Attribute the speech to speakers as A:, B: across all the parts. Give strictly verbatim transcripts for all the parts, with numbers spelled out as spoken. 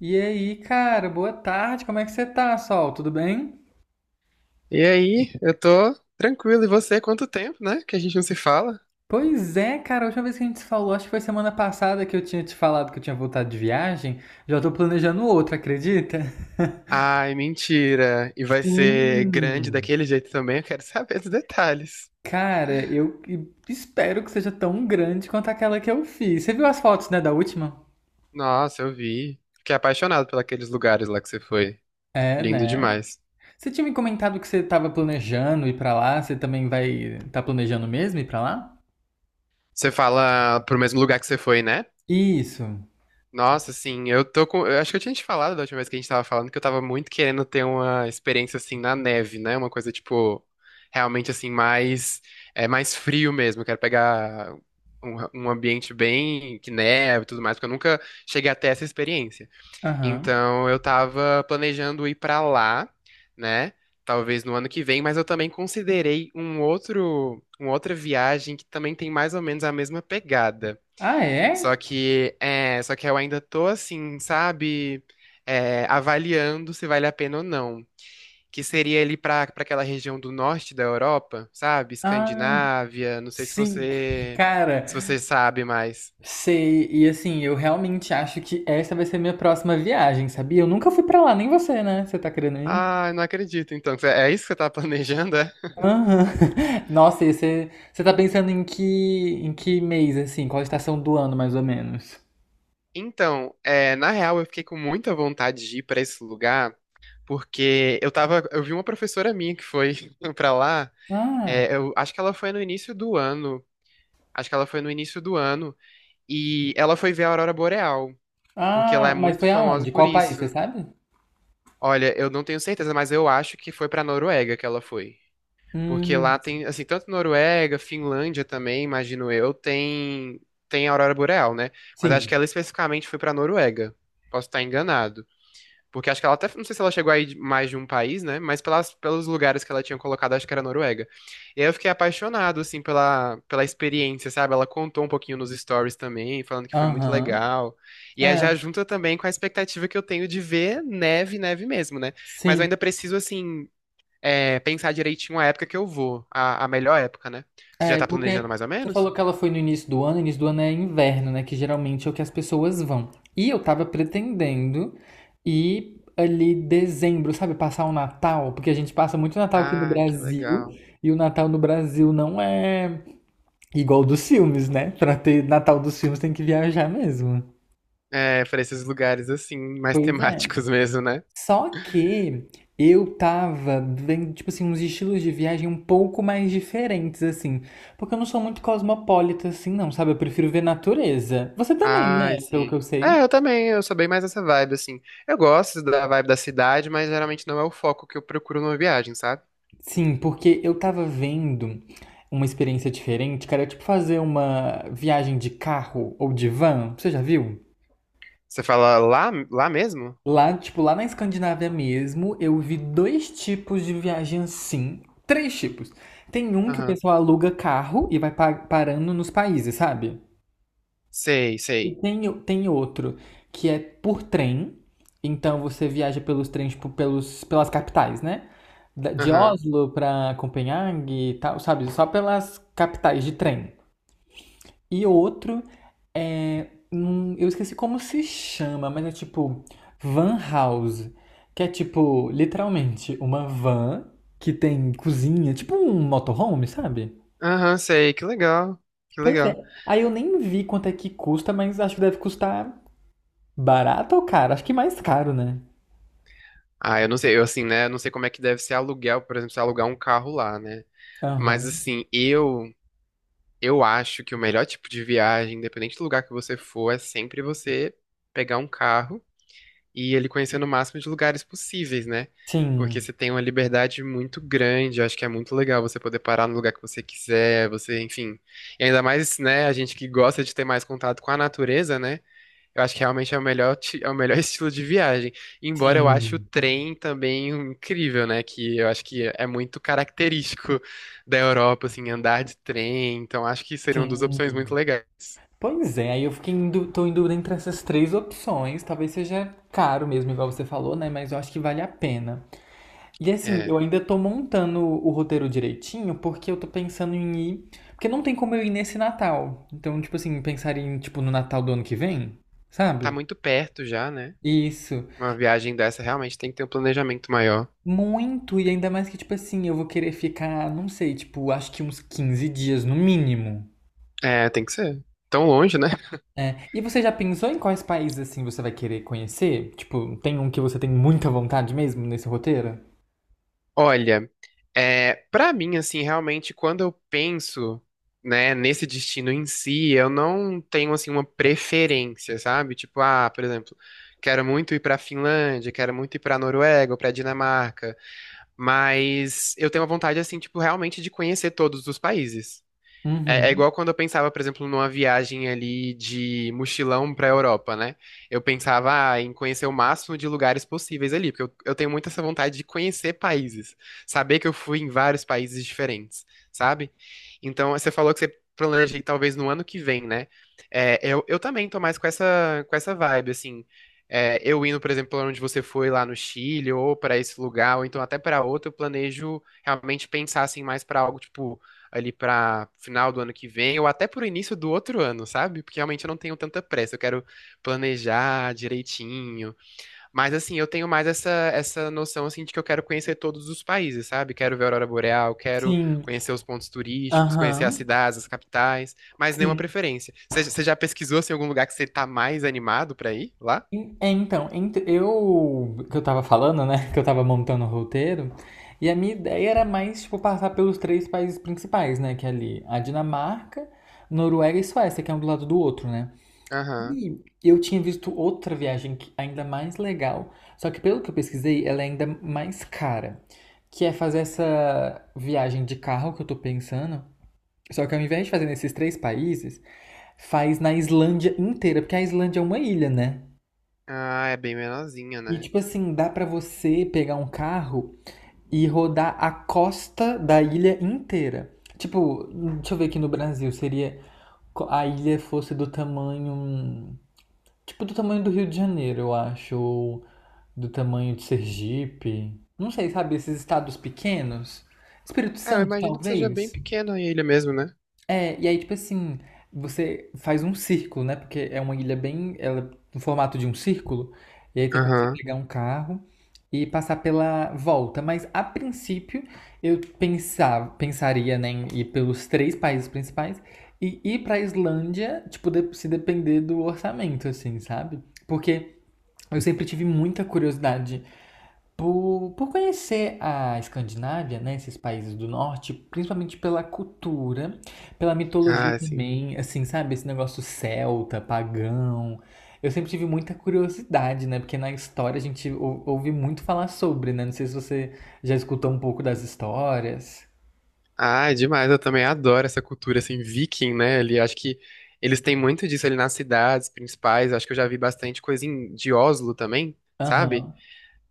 A: E aí, cara, boa tarde, como é que você tá, Sol? Tudo bem?
B: E aí, eu tô tranquilo. E você, quanto tempo, né? Que a gente não se fala?
A: Pois é, cara, a última vez que a gente se falou, acho que foi semana passada que eu tinha te falado que eu tinha voltado de viagem. Já tô planejando outra, acredita?
B: Ai, mentira. E vai ser grande
A: Sim.
B: daquele jeito também. Eu quero saber dos detalhes.
A: Cara, eu espero que seja tão grande quanto aquela que eu fiz. Você viu as fotos, né, da última?
B: Nossa, eu vi. Fiquei apaixonado por aqueles lugares lá que você foi.
A: É,
B: Lindo
A: né?
B: demais.
A: Você tinha me comentado que você tava planejando ir pra lá, você também vai tá planejando mesmo ir pra lá?
B: Você fala pro mesmo lugar que você foi, né?
A: Isso.
B: Nossa, assim, eu tô com. Eu acho que eu tinha te falado da última vez que a gente tava falando que eu tava muito querendo ter uma experiência assim na neve, né? Uma coisa tipo realmente assim mais é mais frio mesmo. Eu quero pegar um, um ambiente bem que neve e tudo mais, porque eu nunca cheguei até essa experiência.
A: Aham.
B: Então eu tava planejando ir pra lá, né? Talvez no ano que vem, mas eu também considerei um outro, uma outra viagem que também tem mais ou menos a mesma pegada.
A: Ah,
B: Só
A: é?
B: que, é, só que eu ainda tô assim, sabe, é, avaliando se vale a pena ou não. Que seria ali pra para aquela região do norte da Europa, sabe?
A: Ah,
B: Escandinávia, não sei se
A: Sim,
B: você
A: cara,
B: se você sabe mais.
A: sei. E assim, eu realmente acho que essa vai ser minha próxima viagem, sabia? Eu nunca fui pra lá, nem você, né? Você tá querendo ir?
B: Ah, não acredito. Então, é é isso que você tá planejando, é?
A: Aham. Nossa, e você, você tá pensando em que, em que mês, assim? Qual a estação do ano, mais ou menos?
B: Então, é, na real, eu fiquei com muita vontade de ir pra esse lugar, porque eu tava, eu vi uma professora minha que foi pra lá.
A: Ah,
B: É, eu acho que ela foi no início do ano. Acho que ela foi no início do ano. E ela foi ver a Aurora Boreal, porque ela é
A: ah, mas
B: muito
A: foi
B: famosa
A: aonde?
B: por
A: Qual país,
B: isso.
A: você sabe?
B: Olha, eu não tenho certeza, mas eu acho que foi pra Noruega que ela foi. Porque lá
A: Hum,
B: tem, assim, tanto Noruega, Finlândia também, imagino eu, tem tem a Aurora Boreal, né? Mas acho que
A: sim.
B: ela especificamente foi pra Noruega. Posso estar enganado. Porque acho que ela até, não sei se ela chegou aí mais de um país, né? Mas pelas, pelos lugares que ela tinha colocado, acho que era Noruega. E aí eu fiquei apaixonado, assim, pela, pela experiência, sabe? Ela contou um pouquinho nos stories também, falando que foi muito
A: Aham.
B: legal. E aí já
A: É,
B: junta também com a expectativa que eu tenho de ver neve, neve mesmo, né? Mas eu
A: sim.
B: ainda preciso, assim, é, pensar direitinho a época que eu vou, a, a melhor época, né? Você já
A: É,
B: tá
A: porque
B: planejando mais ou
A: você
B: menos?
A: falou que ela foi no início do ano, início do ano é inverno, né? Que geralmente é o que as pessoas vão. E eu tava pretendendo ir ali dezembro, sabe? Passar o Natal, porque a gente passa muito Natal aqui no
B: Ah, que
A: Brasil,
B: legal.
A: e o Natal no Brasil não é igual dos filmes, né? Pra ter Natal dos filmes tem que viajar mesmo.
B: É, pra esses lugares assim, mais
A: Pois é.
B: temáticos mesmo, né?
A: Só que eu tava vendo, tipo assim, uns estilos de viagem um pouco mais diferentes, assim. Porque eu não sou muito cosmopolita, assim, não, sabe? Eu prefiro ver natureza. Você também,
B: Ai,
A: né? Pelo que
B: sim.
A: eu
B: É, eu
A: sei.
B: também, eu sou bem mais essa vibe, assim. Eu gosto da vibe da cidade, mas geralmente não é o foco que eu procuro numa viagem, sabe?
A: Sim, porque eu tava vendo uma experiência diferente, cara, tipo fazer uma viagem de carro ou de van. Você já viu?
B: Você fala lá, lá mesmo?
A: Lá, tipo, lá na Escandinávia mesmo, eu vi dois tipos de viagem assim. Três tipos. Tem um que o
B: Aham.
A: pessoal aluga carro e vai pa- parando nos países, sabe?
B: Sei,
A: E
B: sei.
A: tem, o- tem outro que é por trem. Então você viaja pelos trens, tipo, pelos, pelas capitais, né? Da- De
B: Aham.
A: Oslo pra Copenhague e tal, sabe? Só pelas capitais de trem. E outro é, hum, eu esqueci como se chama, mas é tipo Van House. Que é tipo, literalmente, uma van que tem cozinha, tipo um motorhome, sabe?
B: Aham, sei. Que legal. Que
A: Pois
B: legal.
A: é. Aí eu nem vi quanto é que custa, mas acho que deve custar barato ou caro? Acho que mais caro, né?
B: Ah, eu não sei, eu assim, né? Eu não sei como é que deve ser aluguel, por exemplo, se alugar um carro lá, né? Mas
A: Aham.
B: assim, eu eu acho que o melhor tipo de viagem, independente do lugar que você for, é sempre você pegar um carro e ele conhecer no máximo de lugares possíveis, né? Porque
A: Sim,
B: você tem uma liberdade muito grande, eu acho que é muito legal você poder parar no lugar que você quiser, você, enfim. E ainda mais, né, a gente que gosta de ter mais contato com a natureza, né? Eu acho que realmente é o melhor, ti- é o melhor estilo de viagem. Embora eu ache o
A: sim,
B: trem também incrível, né? Que eu acho que é muito característico da Europa, assim, andar de trem. Então acho que seria uma das opções muito
A: sim.
B: legais.
A: Pois é, aí eu fiquei em dú- tô em dúvida entre essas três opções. Talvez seja caro mesmo, igual você falou, né? Mas eu acho que vale a pena. E assim,
B: É,
A: eu ainda tô montando o roteiro direitinho, porque eu tô pensando em ir. Porque não tem como eu ir nesse Natal. Então, tipo assim, pensar em, tipo, no Natal do ano que vem,
B: tá
A: sabe?
B: muito perto já, né?
A: Isso.
B: Uma viagem dessa realmente tem que ter um planejamento maior.
A: Muito, e ainda mais que, tipo assim, eu vou querer ficar, não sei, tipo, acho que uns quinze dias no mínimo.
B: É, tem que ser. Tão longe, né?
A: É. E você já pensou em quais países, assim, você vai querer conhecer? Tipo, tem um que você tem muita vontade mesmo nesse roteiro?
B: Olha. É, para mim, assim, realmente, quando eu penso, né, nesse destino em si, eu não tenho, assim, uma preferência, sabe? Tipo, ah, por exemplo, quero muito ir pra Finlândia, quero muito ir pra Noruega ou pra Dinamarca, mas eu tenho a vontade, assim, tipo, realmente de conhecer todos os países. É, é
A: Uhum.
B: igual quando eu pensava, por exemplo, numa viagem ali de mochilão pra Europa, né? Eu pensava, ah, em conhecer o máximo de lugares possíveis ali, porque eu, eu tenho muito essa vontade de conhecer países, saber que eu fui em vários países diferentes, sabe? Então, você falou que você planeja ir talvez no ano que vem, né? É, eu, eu também tô mais com essa, com essa vibe, assim. É, eu indo, por exemplo, pra onde você foi lá no Chile, ou pra esse lugar, ou então até pra outro, eu planejo realmente pensar assim mais pra algo tipo ali pra final do ano que vem, ou até pro início do outro ano, sabe? Porque realmente eu não tenho tanta pressa, eu quero planejar direitinho. Mas assim, eu tenho mais essa essa noção assim de que eu quero conhecer todos os países, sabe? Quero ver a aurora boreal, quero
A: Sim.
B: conhecer os pontos turísticos, conhecer as
A: Aham.
B: cidades, as capitais, mas nenhuma
A: Sim.
B: preferência. Você você já pesquisou assim, algum lugar que você tá mais animado pra ir lá?
A: En- é, Então, ent- eu que eu tava falando, né? Que eu tava montando o roteiro, e a minha ideia era mais, tipo, passar pelos três países principais, né? Que é ali a Dinamarca, Noruega e Suécia, que é um do lado do outro, né?
B: Aham.
A: E eu tinha visto outra viagem que- ainda mais legal, só que pelo que eu pesquisei, ela é ainda mais cara, que é fazer essa viagem de carro que eu tô pensando. Só que ao invés de fazer nesses três países, faz na Islândia inteira, porque a Islândia é uma ilha, né?
B: Ah, é bem menorzinha,
A: E
B: né?
A: tipo assim, dá pra você pegar um carro e rodar a costa da ilha inteira. Tipo, deixa eu ver aqui no Brasil, seria a ilha fosse do tamanho, tipo do tamanho do Rio de Janeiro, eu acho, ou do tamanho de Sergipe. Não sei, sabe, esses estados pequenos? Espírito
B: É, eu
A: Santo,
B: imagino que seja bem
A: talvez.
B: pequena a ilha mesmo, né?
A: É, e aí, tipo assim, você faz um círculo, né? Porque é uma ilha bem, ela é no formato de um círculo, e aí tem como você
B: Aham.
A: pegar um carro e passar pela volta. Mas a princípio, eu pensava, pensaria, né, em ir pelos três países principais e ir pra Islândia, tipo, de- se depender do orçamento, assim, sabe? Porque eu sempre tive muita curiosidade por, por conhecer a Escandinávia, né, esses países do norte, principalmente pela cultura, pela mitologia
B: Ah, sim.
A: também, assim, sabe, esse negócio celta, pagão. Eu sempre tive muita curiosidade, né, porque na história a gente ou- ouve muito falar sobre, né, não sei se você já escutou um pouco das histórias.
B: Ah, é demais, eu também adoro essa cultura, assim, viking, né? Ali, acho que eles têm muito disso ali nas cidades principais, acho que eu já vi bastante coisa em, de Oslo também, sabe?
A: Aham.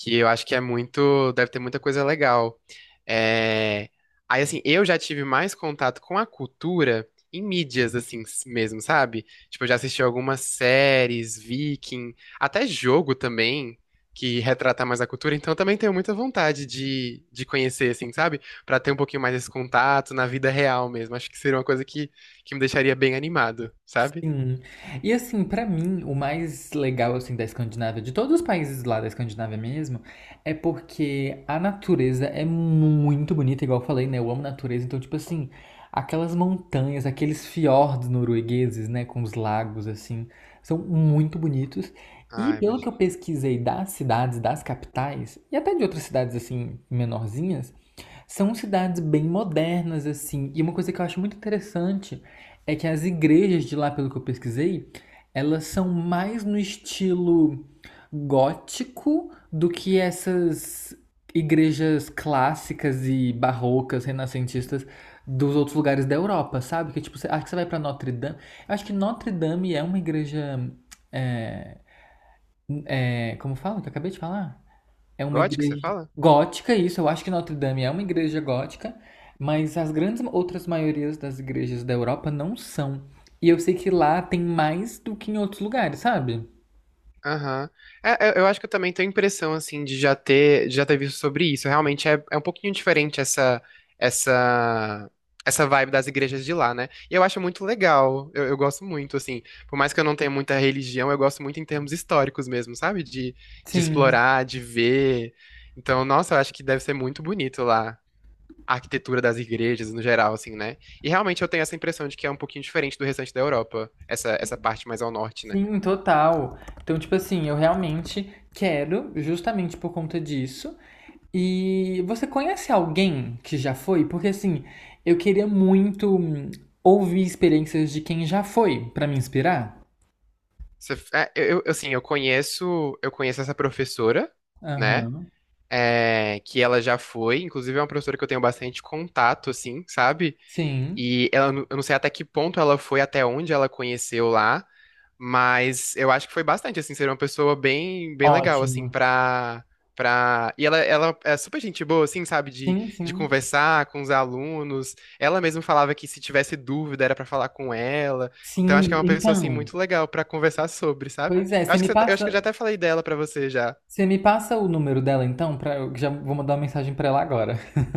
B: Que eu acho que é muito, deve ter muita coisa legal. É, aí, assim, eu já tive mais contato com a cultura em mídias, assim, s- mesmo, sabe? Tipo, eu já assisti algumas séries, Viking, até jogo também, que retrata mais a cultura, então eu também tenho muita vontade de, de conhecer, assim, sabe? Pra ter um pouquinho mais esse contato na vida real mesmo. Acho que seria uma coisa que, que me deixaria bem animado, sabe?
A: Sim. E assim, pra mim, o mais legal assim da Escandinávia, de todos os países lá da Escandinávia mesmo, é porque a natureza é muito bonita, igual eu falei, né? Eu amo natureza, então tipo assim, aquelas montanhas, aqueles fiordes noruegueses, né, com os lagos assim, são muito bonitos. E
B: Ah,
A: pelo que eu
B: imagina.
A: pesquisei das cidades, das capitais e até de outras cidades assim menorzinhas, são cidades bem modernas, assim. E uma coisa que eu acho muito interessante é que as igrejas de lá, pelo que eu pesquisei, elas são mais no estilo gótico do que essas igrejas clássicas e barrocas, renascentistas dos outros lugares da Europa, sabe? Que tipo, você, acho que você vai pra Notre Dame. Eu acho que Notre Dame é uma igreja. é, é, como fala? Que eu acabei de falar? É uma
B: Gótico, você
A: igreja
B: fala?
A: gótica, isso. Eu acho que Notre Dame é uma igreja gótica, mas as grandes outras maiorias das igrejas da Europa não são. E eu sei que lá tem mais do que em outros lugares, sabe?
B: Aham. É, eu eu acho que eu também tenho a impressão, assim, de já ter, de já ter visto sobre isso. Realmente é, é um pouquinho diferente essa, essa, essa vibe das igrejas de lá, né? E eu acho muito legal. Eu, eu gosto muito, assim. Por mais que eu não tenha muita religião, eu gosto muito em termos históricos mesmo, sabe? De, de
A: Sim,
B: explorar, de ver. Então, nossa, eu acho que deve ser muito bonito lá. A arquitetura das igrejas no geral, assim, né? E realmente eu tenho essa impressão de que é um pouquinho diferente do restante da Europa, essa, essa parte mais ao norte, né?
A: sim, total. Então, tipo assim, eu realmente quero, justamente por conta disso. E você conhece alguém que já foi? Porque assim, eu queria muito hum, ouvir experiências de quem já foi, pra me inspirar.
B: Você- é, eu, eu, assim, eu conheço, eu conheço essa professora, né?
A: Aham.
B: É, que ela já foi, inclusive é uma professora que eu tenho bastante contato, assim, sabe?
A: Sim.
B: E ela, eu não sei até que ponto ela foi, até onde ela conheceu lá, mas eu acho que foi bastante, assim, ser uma pessoa bem, bem legal, assim,
A: Ótimo.
B: pra, pra... E ela, ela é super gente boa, assim, sabe, de,
A: Sim,
B: de
A: sim.
B: conversar com os alunos. Ela mesma falava que se tivesse dúvida era pra falar com ela. Então acho que
A: Sim,
B: é uma pessoa, assim,
A: então.
B: muito legal pra conversar sobre, sabe?
A: Pois é,
B: Eu
A: você
B: acho
A: me
B: que, você- eu acho que eu já
A: passa,
B: até falei dela pra você já.
A: você me passa o número dela então para eu já vou mandar uma mensagem para ela agora,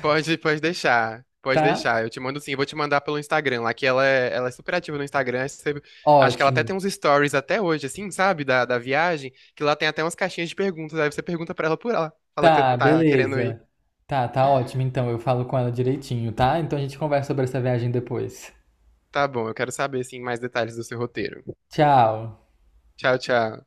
B: Pode, pode deixar. Pode
A: tá?
B: deixar. Eu te mando sim. Eu vou te mandar pelo Instagram lá, que ela é, ela é super ativa no Instagram. Aí você- acho que ela até
A: Ótimo.
B: tem uns stories até hoje, assim, sabe? Da, da viagem, que lá tem até umas caixinhas de perguntas. Aí você pergunta pra ela por lá. Fala que você
A: Tá,
B: tá querendo ir.
A: beleza. Tá, tá ótimo então. Eu falo com ela direitinho, tá? Então a gente conversa sobre essa viagem depois.
B: Tá bom, eu quero saber, assim, mais detalhes do seu roteiro.
A: Tchau.
B: Tchau, tchau.